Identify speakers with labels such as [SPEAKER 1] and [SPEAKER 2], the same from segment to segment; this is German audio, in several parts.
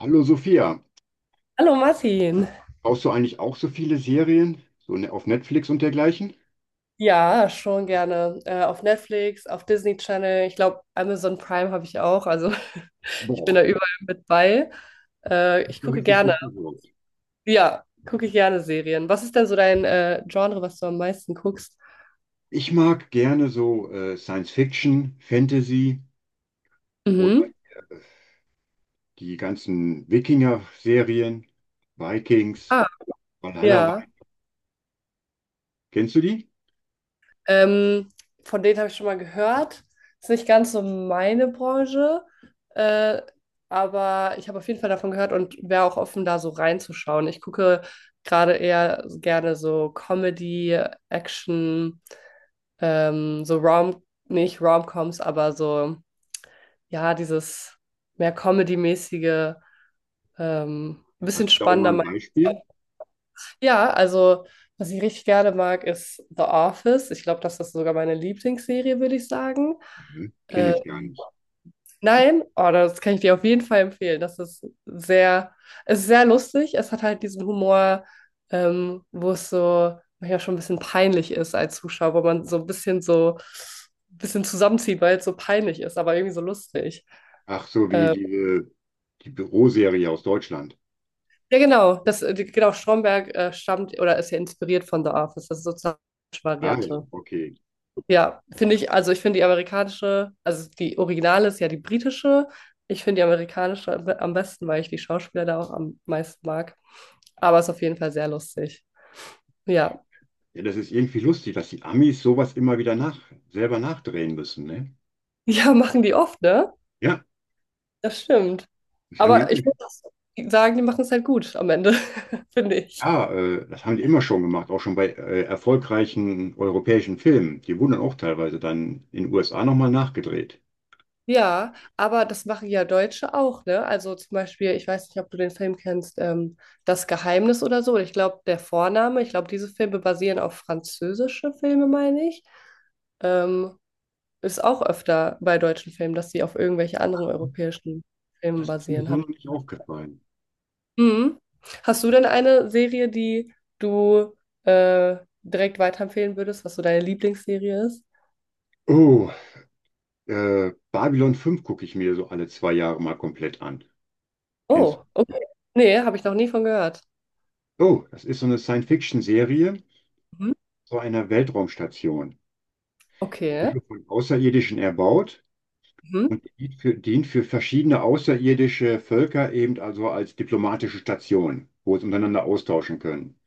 [SPEAKER 1] Hallo Sophia,
[SPEAKER 2] Hallo Martin.
[SPEAKER 1] brauchst du eigentlich auch so viele Serien, auf Netflix und dergleichen?
[SPEAKER 2] Ja, schon gerne. Auf Netflix, auf Disney Channel. Ich glaube, Amazon Prime habe ich auch. Also ich bin
[SPEAKER 1] Boah,
[SPEAKER 2] da überall mit bei. Äh,
[SPEAKER 1] hast
[SPEAKER 2] ich
[SPEAKER 1] du
[SPEAKER 2] gucke
[SPEAKER 1] richtig
[SPEAKER 2] gerne.
[SPEAKER 1] gut gewirkt.
[SPEAKER 2] Ja, gucke ich gerne Serien. Was ist denn so dein Genre, was du am meisten guckst?
[SPEAKER 1] Ich mag gerne so Science Fiction, Fantasy oder
[SPEAKER 2] Mhm.
[SPEAKER 1] äh, die ganzen Wikinger-Serien, Vikings,
[SPEAKER 2] Ah,
[SPEAKER 1] Valhalla.
[SPEAKER 2] ja.
[SPEAKER 1] Kennst du die?
[SPEAKER 2] Ähm, von denen habe ich schon mal gehört. Ist nicht ganz so meine Branche, äh, aber ich habe auf jeden Fall davon gehört und wäre auch offen, da so reinzuschauen. Ich gucke gerade eher gerne so Comedy, Action, so Rom, nicht Romcoms, aber so, ja, dieses mehr Comedy-mäßige, ein bisschen
[SPEAKER 1] Hast du da auch
[SPEAKER 2] spannender.
[SPEAKER 1] mal ein Beispiel?
[SPEAKER 2] Ja, also was ich richtig gerne mag, ist The Office. Ich glaube, das ist sogar meine Lieblingsserie, würde ich sagen.
[SPEAKER 1] Mhm. Kenne
[SPEAKER 2] Äh,
[SPEAKER 1] ich gar nicht.
[SPEAKER 2] nein, oh, das kann ich dir auf jeden Fall empfehlen. Es ist sehr lustig. Es hat halt diesen Humor, wo es so manchmal schon ein bisschen peinlich ist als Zuschauer, wo man so ein bisschen zusammenzieht, weil es so peinlich ist, aber irgendwie so lustig.
[SPEAKER 1] Ach so, wie
[SPEAKER 2] Äh,
[SPEAKER 1] die Büroserie aus Deutschland.
[SPEAKER 2] ja, genau. Stromberg stammt oder ist ja inspiriert von The Office. Das ist sozusagen die
[SPEAKER 1] Ah ja,
[SPEAKER 2] Variante.
[SPEAKER 1] okay.
[SPEAKER 2] Ja, finde ich, also ich finde die amerikanische, also die originale ist ja die britische. Ich finde die amerikanische am besten, weil ich die Schauspieler da auch am meisten mag. Aber es ist auf jeden Fall sehr lustig. Ja.
[SPEAKER 1] Ja, das ist irgendwie lustig, dass die Amis sowas selber nachdrehen müssen, ne?
[SPEAKER 2] Ja, machen die oft, ne?
[SPEAKER 1] Ja,
[SPEAKER 2] Das stimmt.
[SPEAKER 1] das haben
[SPEAKER 2] Aber ich
[SPEAKER 1] die,
[SPEAKER 2] muss sagen, die machen es halt gut am Ende, finde ich.
[SPEAKER 1] ja, das haben die immer schon gemacht, auch schon bei erfolgreichen europäischen Filmen. Die wurden dann auch teilweise dann in den USA nochmal nachgedreht.
[SPEAKER 2] Ja, aber das machen ja Deutsche auch, ne? Also zum Beispiel, ich weiß nicht, ob du den Film kennst, Das Geheimnis oder so. Ich glaube, der Vorname, ich glaube, diese Filme basieren auf französische Filme, meine ich. Ähm, ist auch öfter bei deutschen Filmen, dass sie auf irgendwelche anderen europäischen Filmen
[SPEAKER 1] Das ist mir
[SPEAKER 2] basieren,
[SPEAKER 1] so
[SPEAKER 2] habe
[SPEAKER 1] noch
[SPEAKER 2] ich
[SPEAKER 1] nicht
[SPEAKER 2] gehört.
[SPEAKER 1] aufgefallen.
[SPEAKER 2] Mhm. Hast du denn eine Serie, die du äh, direkt weiterempfehlen würdest, was so deine Lieblingsserie ist?
[SPEAKER 1] Oh, Babylon 5 gucke ich mir so alle 2 Jahre mal komplett an. Kennst du?
[SPEAKER 2] Oh, okay. Nee, habe ich noch nie von gehört.
[SPEAKER 1] Oh, das ist so eine Science-Fiction-Serie
[SPEAKER 2] Mhm.
[SPEAKER 1] zu einer Weltraumstation. Die
[SPEAKER 2] Okay.
[SPEAKER 1] wurde von Außerirdischen erbaut
[SPEAKER 2] Mhm.
[SPEAKER 1] und dient für verschiedene außerirdische Völker eben also als diplomatische Station, wo sie untereinander austauschen können.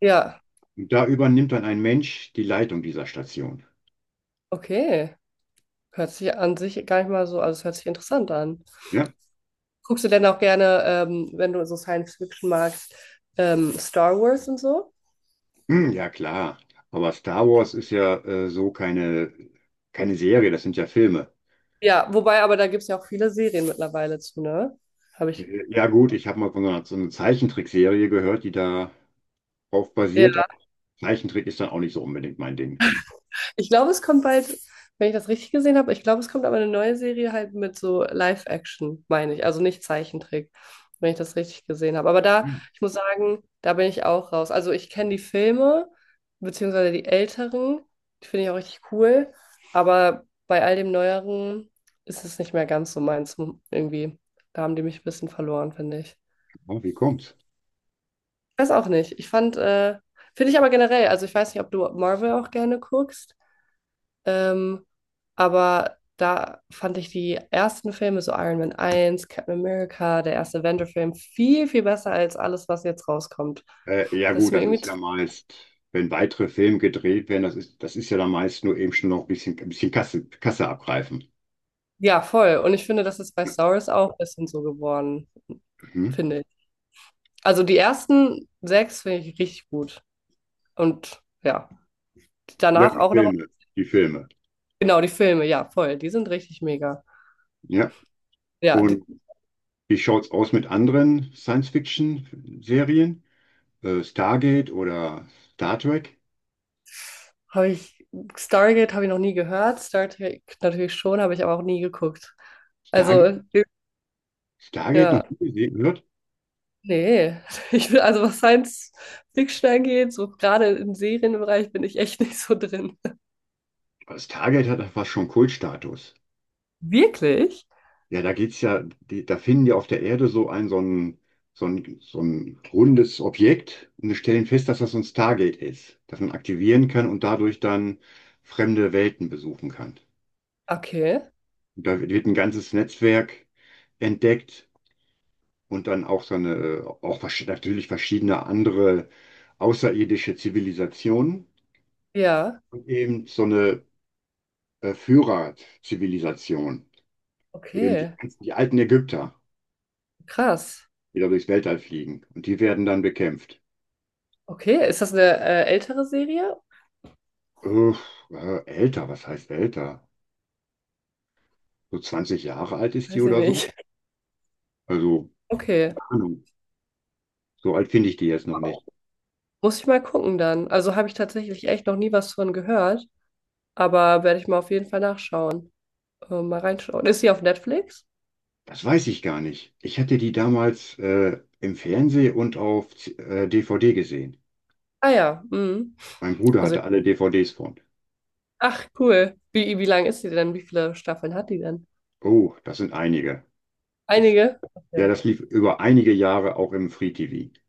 [SPEAKER 2] Ja,
[SPEAKER 1] Da übernimmt dann ein Mensch die Leitung dieser Station.
[SPEAKER 2] okay. Hört sich an sich gar nicht mal so, also es hört sich interessant an.
[SPEAKER 1] Ja.
[SPEAKER 2] Guckst du denn auch gerne, wenn du so Science Fiction magst, Star Wars und so?
[SPEAKER 1] Hm, ja klar. Aber Star Wars ist ja keine Serie, das sind ja Filme.
[SPEAKER 2] Ja, wobei, aber da gibt es ja auch viele Serien mittlerweile zu, ne? Habe ich.
[SPEAKER 1] Ja gut, ich habe mal von so einer Zeichentrickserie gehört, die darauf basiert, aber Zeichentrick ist dann auch nicht so unbedingt mein Ding.
[SPEAKER 2] Ich glaube, es kommt bald, wenn ich das richtig gesehen habe, ich glaube, es kommt aber eine neue Serie halt mit so Live-Action, meine ich. Also nicht Zeichentrick, wenn ich das richtig gesehen habe. Aber da,
[SPEAKER 1] Hm,
[SPEAKER 2] ich muss sagen, da bin ich auch raus. Also ich kenne die Filme, beziehungsweise die älteren, die finde ich auch richtig cool. Aber bei all dem Neueren ist es nicht mehr ganz so meins irgendwie. Da haben die mich ein bisschen verloren, finde ich.
[SPEAKER 1] oh, wie kommt's?
[SPEAKER 2] Weiß auch nicht. Finde ich aber generell, also ich weiß nicht, ob du Marvel auch gerne guckst. Ähm, aber da fand ich die ersten Filme, so Iron Man eins, Captain America, der erste Avenger-Film, viel, viel besser als alles, was jetzt rauskommt.
[SPEAKER 1] Ja
[SPEAKER 2] Das ist
[SPEAKER 1] gut,
[SPEAKER 2] mir
[SPEAKER 1] das
[SPEAKER 2] irgendwie,
[SPEAKER 1] ist
[SPEAKER 2] zu-
[SPEAKER 1] ja meist, wenn weitere Filme gedreht werden, das ist ja dann meist nur eben schon noch ein bisschen Kasse abgreifen.
[SPEAKER 2] ja, voll. Und ich finde, das ist bei Star Wars auch ein bisschen so geworden,
[SPEAKER 1] Mhm.
[SPEAKER 2] finde ich. Also die ersten sechs finde ich richtig gut. Und ja,
[SPEAKER 1] Ja,
[SPEAKER 2] danach auch noch,
[SPEAKER 1] Die Filme.
[SPEAKER 2] genau, die Filme, ja, voll. Die sind richtig mega.
[SPEAKER 1] Ja.
[SPEAKER 2] Ja, die,
[SPEAKER 1] Und wie schaut's aus mit anderen Science-Fiction-Serien? Stargate oder Star Trek?
[SPEAKER 2] Habe ich, Stargate habe ich noch nie gehört, Star Trek natürlich schon, habe ich aber auch nie geguckt. Also,
[SPEAKER 1] Stargate? Stargate noch
[SPEAKER 2] ja,
[SPEAKER 1] nie gesehen wird?
[SPEAKER 2] nee. Ich bin, also was Science Fiction angeht, so gerade im Serienbereich bin ich echt nicht so drin.
[SPEAKER 1] Aber Stargate hat fast schon Kultstatus.
[SPEAKER 2] Wirklich?
[SPEAKER 1] Ja, da finden die auf der Erde so ein rundes Objekt und wir stellen fest, dass das so ein Stargate ist, das man aktivieren kann und dadurch dann fremde Welten besuchen kann.
[SPEAKER 2] Okay.
[SPEAKER 1] Und da wird ein ganzes Netzwerk entdeckt und dann auch natürlich verschiedene andere außerirdische Zivilisationen
[SPEAKER 2] Ja,
[SPEAKER 1] und eben so eine Führerzivilisation,
[SPEAKER 2] okay.
[SPEAKER 1] die alten Ägypter,
[SPEAKER 2] Krass.
[SPEAKER 1] die da durchs Weltall fliegen und die werden dann bekämpft.
[SPEAKER 2] Okay, ist das eine ältere Serie?
[SPEAKER 1] Uff, älter, was heißt älter? So 20 Jahre alt ist die
[SPEAKER 2] Weiß ich
[SPEAKER 1] oder so?
[SPEAKER 2] nicht.
[SPEAKER 1] Also,
[SPEAKER 2] Okay,
[SPEAKER 1] keine Ahnung, so alt finde ich die jetzt noch nicht.
[SPEAKER 2] muss ich mal gucken dann. Also habe ich tatsächlich echt noch nie was von gehört, aber werde ich mal auf jeden Fall nachschauen. Mal reinschauen. Ist sie auf Netflix?
[SPEAKER 1] Das weiß ich gar nicht. Ich hatte die damals im Fernsehen und auf DVD gesehen.
[SPEAKER 2] Ah ja, mhm.
[SPEAKER 1] Mein Bruder
[SPEAKER 2] Also,
[SPEAKER 1] hatte alle DVDs von.
[SPEAKER 2] ach cool. Wie lang ist die denn? Wie viele Staffeln hat die denn?
[SPEAKER 1] Oh, das sind einige. Das,
[SPEAKER 2] Einige?
[SPEAKER 1] ja,
[SPEAKER 2] Okay.
[SPEAKER 1] das lief über einige Jahre auch im Free TV.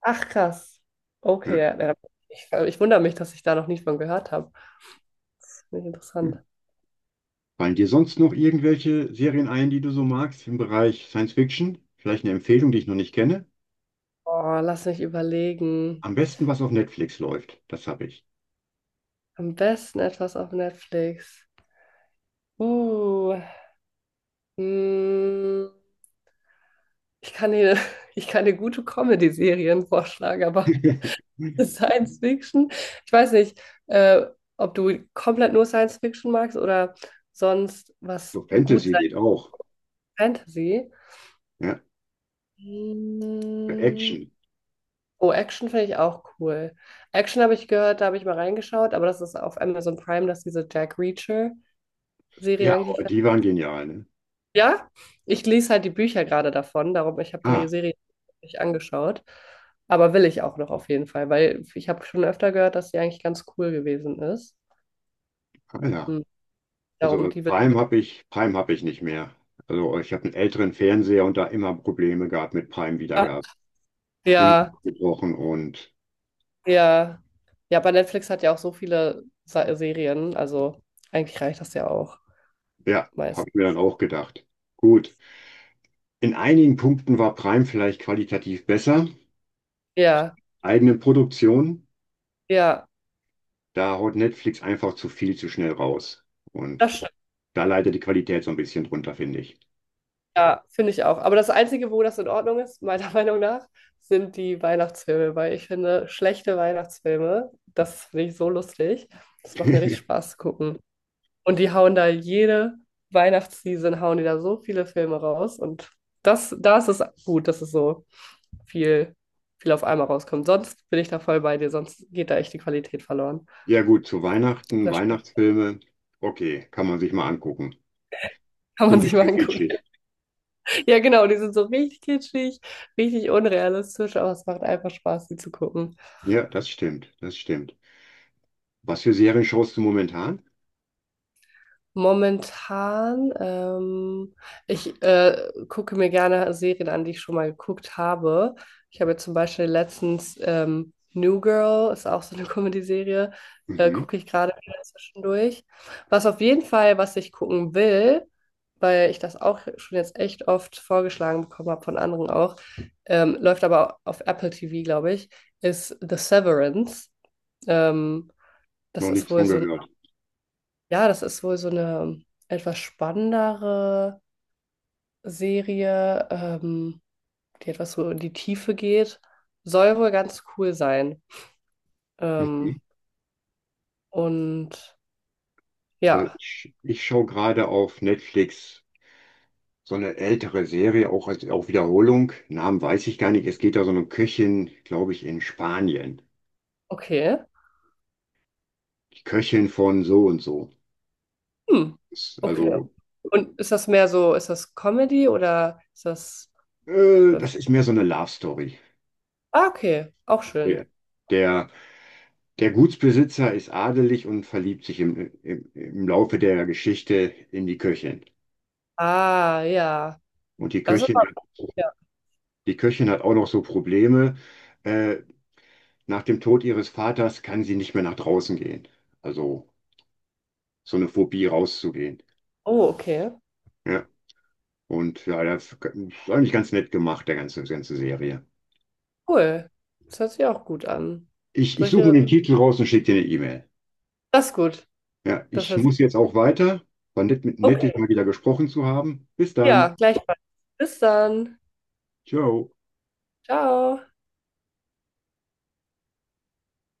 [SPEAKER 2] Ach krass. Okay, ja. ja. Ich wundere mich, dass ich da noch nicht von gehört habe. Das finde ich
[SPEAKER 1] Hm.
[SPEAKER 2] interessant.
[SPEAKER 1] Fallen dir sonst noch irgendwelche Serien ein, die du so magst im Bereich Science Fiction? Vielleicht eine Empfehlung, die ich noch nicht kenne?
[SPEAKER 2] Oh, lass mich überlegen.
[SPEAKER 1] Am besten, was auf Netflix läuft. Das habe ich.
[SPEAKER 2] Am besten etwas auf Netflix. Uh, mh, ich kann dir, ich kann dir gute Comedy-Serien vorschlagen, aber Science Fiction. Ich weiß nicht, äh, ob du komplett nur Science Fiction magst oder sonst was
[SPEAKER 1] So
[SPEAKER 2] gut
[SPEAKER 1] Fantasy
[SPEAKER 2] sein.
[SPEAKER 1] geht auch.
[SPEAKER 2] Fantasy.
[SPEAKER 1] Ja.
[SPEAKER 2] Hm.
[SPEAKER 1] Action.
[SPEAKER 2] Oh, Action finde ich auch cool. Action habe ich gehört, da habe ich mal reingeschaut, aber das ist auf Amazon Prime, dass diese Jack Reacher-Serie
[SPEAKER 1] Ja,
[SPEAKER 2] eigentlich.
[SPEAKER 1] die waren genial, ne?
[SPEAKER 2] Ja, ich lese halt die Bücher gerade davon, darum, ich habe die
[SPEAKER 1] Ah,
[SPEAKER 2] Serie nicht angeschaut. Aber will ich auch noch auf jeden Fall, weil ich habe schon öfter gehört, dass die eigentlich ganz cool gewesen ist.
[SPEAKER 1] ah, ja.
[SPEAKER 2] Hm,
[SPEAKER 1] Also
[SPEAKER 2] Darum, die will.
[SPEAKER 1] Prime habe ich nicht mehr. Also ich habe einen älteren Fernseher und da immer Probleme gehabt mit Prime-Wiedergabe. Immer
[SPEAKER 2] Ja,
[SPEAKER 1] abgebrochen und
[SPEAKER 2] ja. Ja, aber Netflix hat ja auch so viele Sa Serien, also eigentlich reicht das ja auch
[SPEAKER 1] ja,
[SPEAKER 2] meist.
[SPEAKER 1] habe ich mir dann auch gedacht. Gut. In einigen Punkten war Prime vielleicht qualitativ besser.
[SPEAKER 2] Ja,
[SPEAKER 1] Eigene Produktion,
[SPEAKER 2] ja,
[SPEAKER 1] da haut Netflix einfach zu viel zu schnell raus. Und
[SPEAKER 2] das stimmt.
[SPEAKER 1] da leidet die Qualität so ein bisschen drunter, finde ich.
[SPEAKER 2] Ja, finde ich auch. Aber das Einzige, wo das in Ordnung ist, meiner Meinung nach, sind die Weihnachtsfilme, weil ich finde, schlechte Weihnachtsfilme, das finde ich so lustig. Das macht mir richtig Spaß zu gucken. Und die hauen da jede Weihnachtsseason, hauen die da so viele Filme raus. Und das, da ist es gut, dass es so viel, viel auf einmal rauskommt. Sonst bin ich da voll bei dir, sonst geht da echt die Qualität verloren.
[SPEAKER 1] Ja gut, zu
[SPEAKER 2] Das
[SPEAKER 1] Weihnachtsfilme, okay, kann man sich mal angucken.
[SPEAKER 2] kann
[SPEAKER 1] So ein
[SPEAKER 2] man sich mal
[SPEAKER 1] bisschen
[SPEAKER 2] angucken.
[SPEAKER 1] kitschig.
[SPEAKER 2] Ja, genau, die sind so richtig kitschig, richtig unrealistisch, aber es macht einfach Spaß, die zu gucken.
[SPEAKER 1] Ja, das stimmt. Was für Serien schaust du momentan?
[SPEAKER 2] Momentan, ich gucke mir gerne Serien an, die ich schon mal geguckt habe. Ich habe jetzt zum Beispiel letztens New Girl, ist auch so eine Comedy-Serie,
[SPEAKER 1] Mhm,
[SPEAKER 2] gucke ich gerade wieder zwischendurch. Was auf jeden Fall, was ich gucken will, weil ich das auch schon jetzt echt oft vorgeschlagen bekommen habe von anderen auch, läuft aber auf Apple TV, glaube ich, ist The Severance. Ähm, das
[SPEAKER 1] noch
[SPEAKER 2] ist
[SPEAKER 1] nichts
[SPEAKER 2] wohl
[SPEAKER 1] von
[SPEAKER 2] so
[SPEAKER 1] gehört.
[SPEAKER 2] ja, das ist wohl so eine etwas spannendere Serie, die etwas so in die Tiefe geht. Soll wohl ganz cool sein.
[SPEAKER 1] Mhm.
[SPEAKER 2] Ähm, und
[SPEAKER 1] Also
[SPEAKER 2] ja,
[SPEAKER 1] ich schaue gerade auf Netflix so eine ältere Serie, auch als auch Wiederholung. Namen weiß ich gar nicht. Es geht da so um eine Köchin, glaube ich, in Spanien.
[SPEAKER 2] okay.
[SPEAKER 1] Die Köchin von so und so.
[SPEAKER 2] Hm,
[SPEAKER 1] Ist
[SPEAKER 2] okay.
[SPEAKER 1] also,
[SPEAKER 2] Und ist das mehr so, ist das Comedy oder ist das...
[SPEAKER 1] das ist mehr so eine Love Story.
[SPEAKER 2] Ah, okay, auch schön.
[SPEAKER 1] Der, der, der Gutsbesitzer ist adelig und verliebt sich im Laufe der Geschichte in die Köchin.
[SPEAKER 2] Ah, ja.
[SPEAKER 1] Und
[SPEAKER 2] Das ist aber... Ja.
[SPEAKER 1] Die Köchin hat auch noch so Probleme. Äh, Nach dem Tod ihres Vaters kann sie nicht mehr nach draußen gehen. Also so eine Phobie rauszugehen.
[SPEAKER 2] Oh, okay.
[SPEAKER 1] Ja. Und ja, das ist eigentlich ganz nett gemacht, der ganze Serie.
[SPEAKER 2] Cool. Das hört sich auch gut an.
[SPEAKER 1] Ich suche mir
[SPEAKER 2] Solche...
[SPEAKER 1] den Titel raus und schicke dir eine E-Mail.
[SPEAKER 2] Das ist gut.
[SPEAKER 1] Ja,
[SPEAKER 2] Das
[SPEAKER 1] ich
[SPEAKER 2] hört sich...
[SPEAKER 1] muss jetzt auch weiter. War nett, nett, dich
[SPEAKER 2] okay.
[SPEAKER 1] mal wieder gesprochen zu haben. Bis
[SPEAKER 2] Ja,
[SPEAKER 1] dann.
[SPEAKER 2] gleichfalls. Bis dann.
[SPEAKER 1] Ciao.
[SPEAKER 2] Ciao.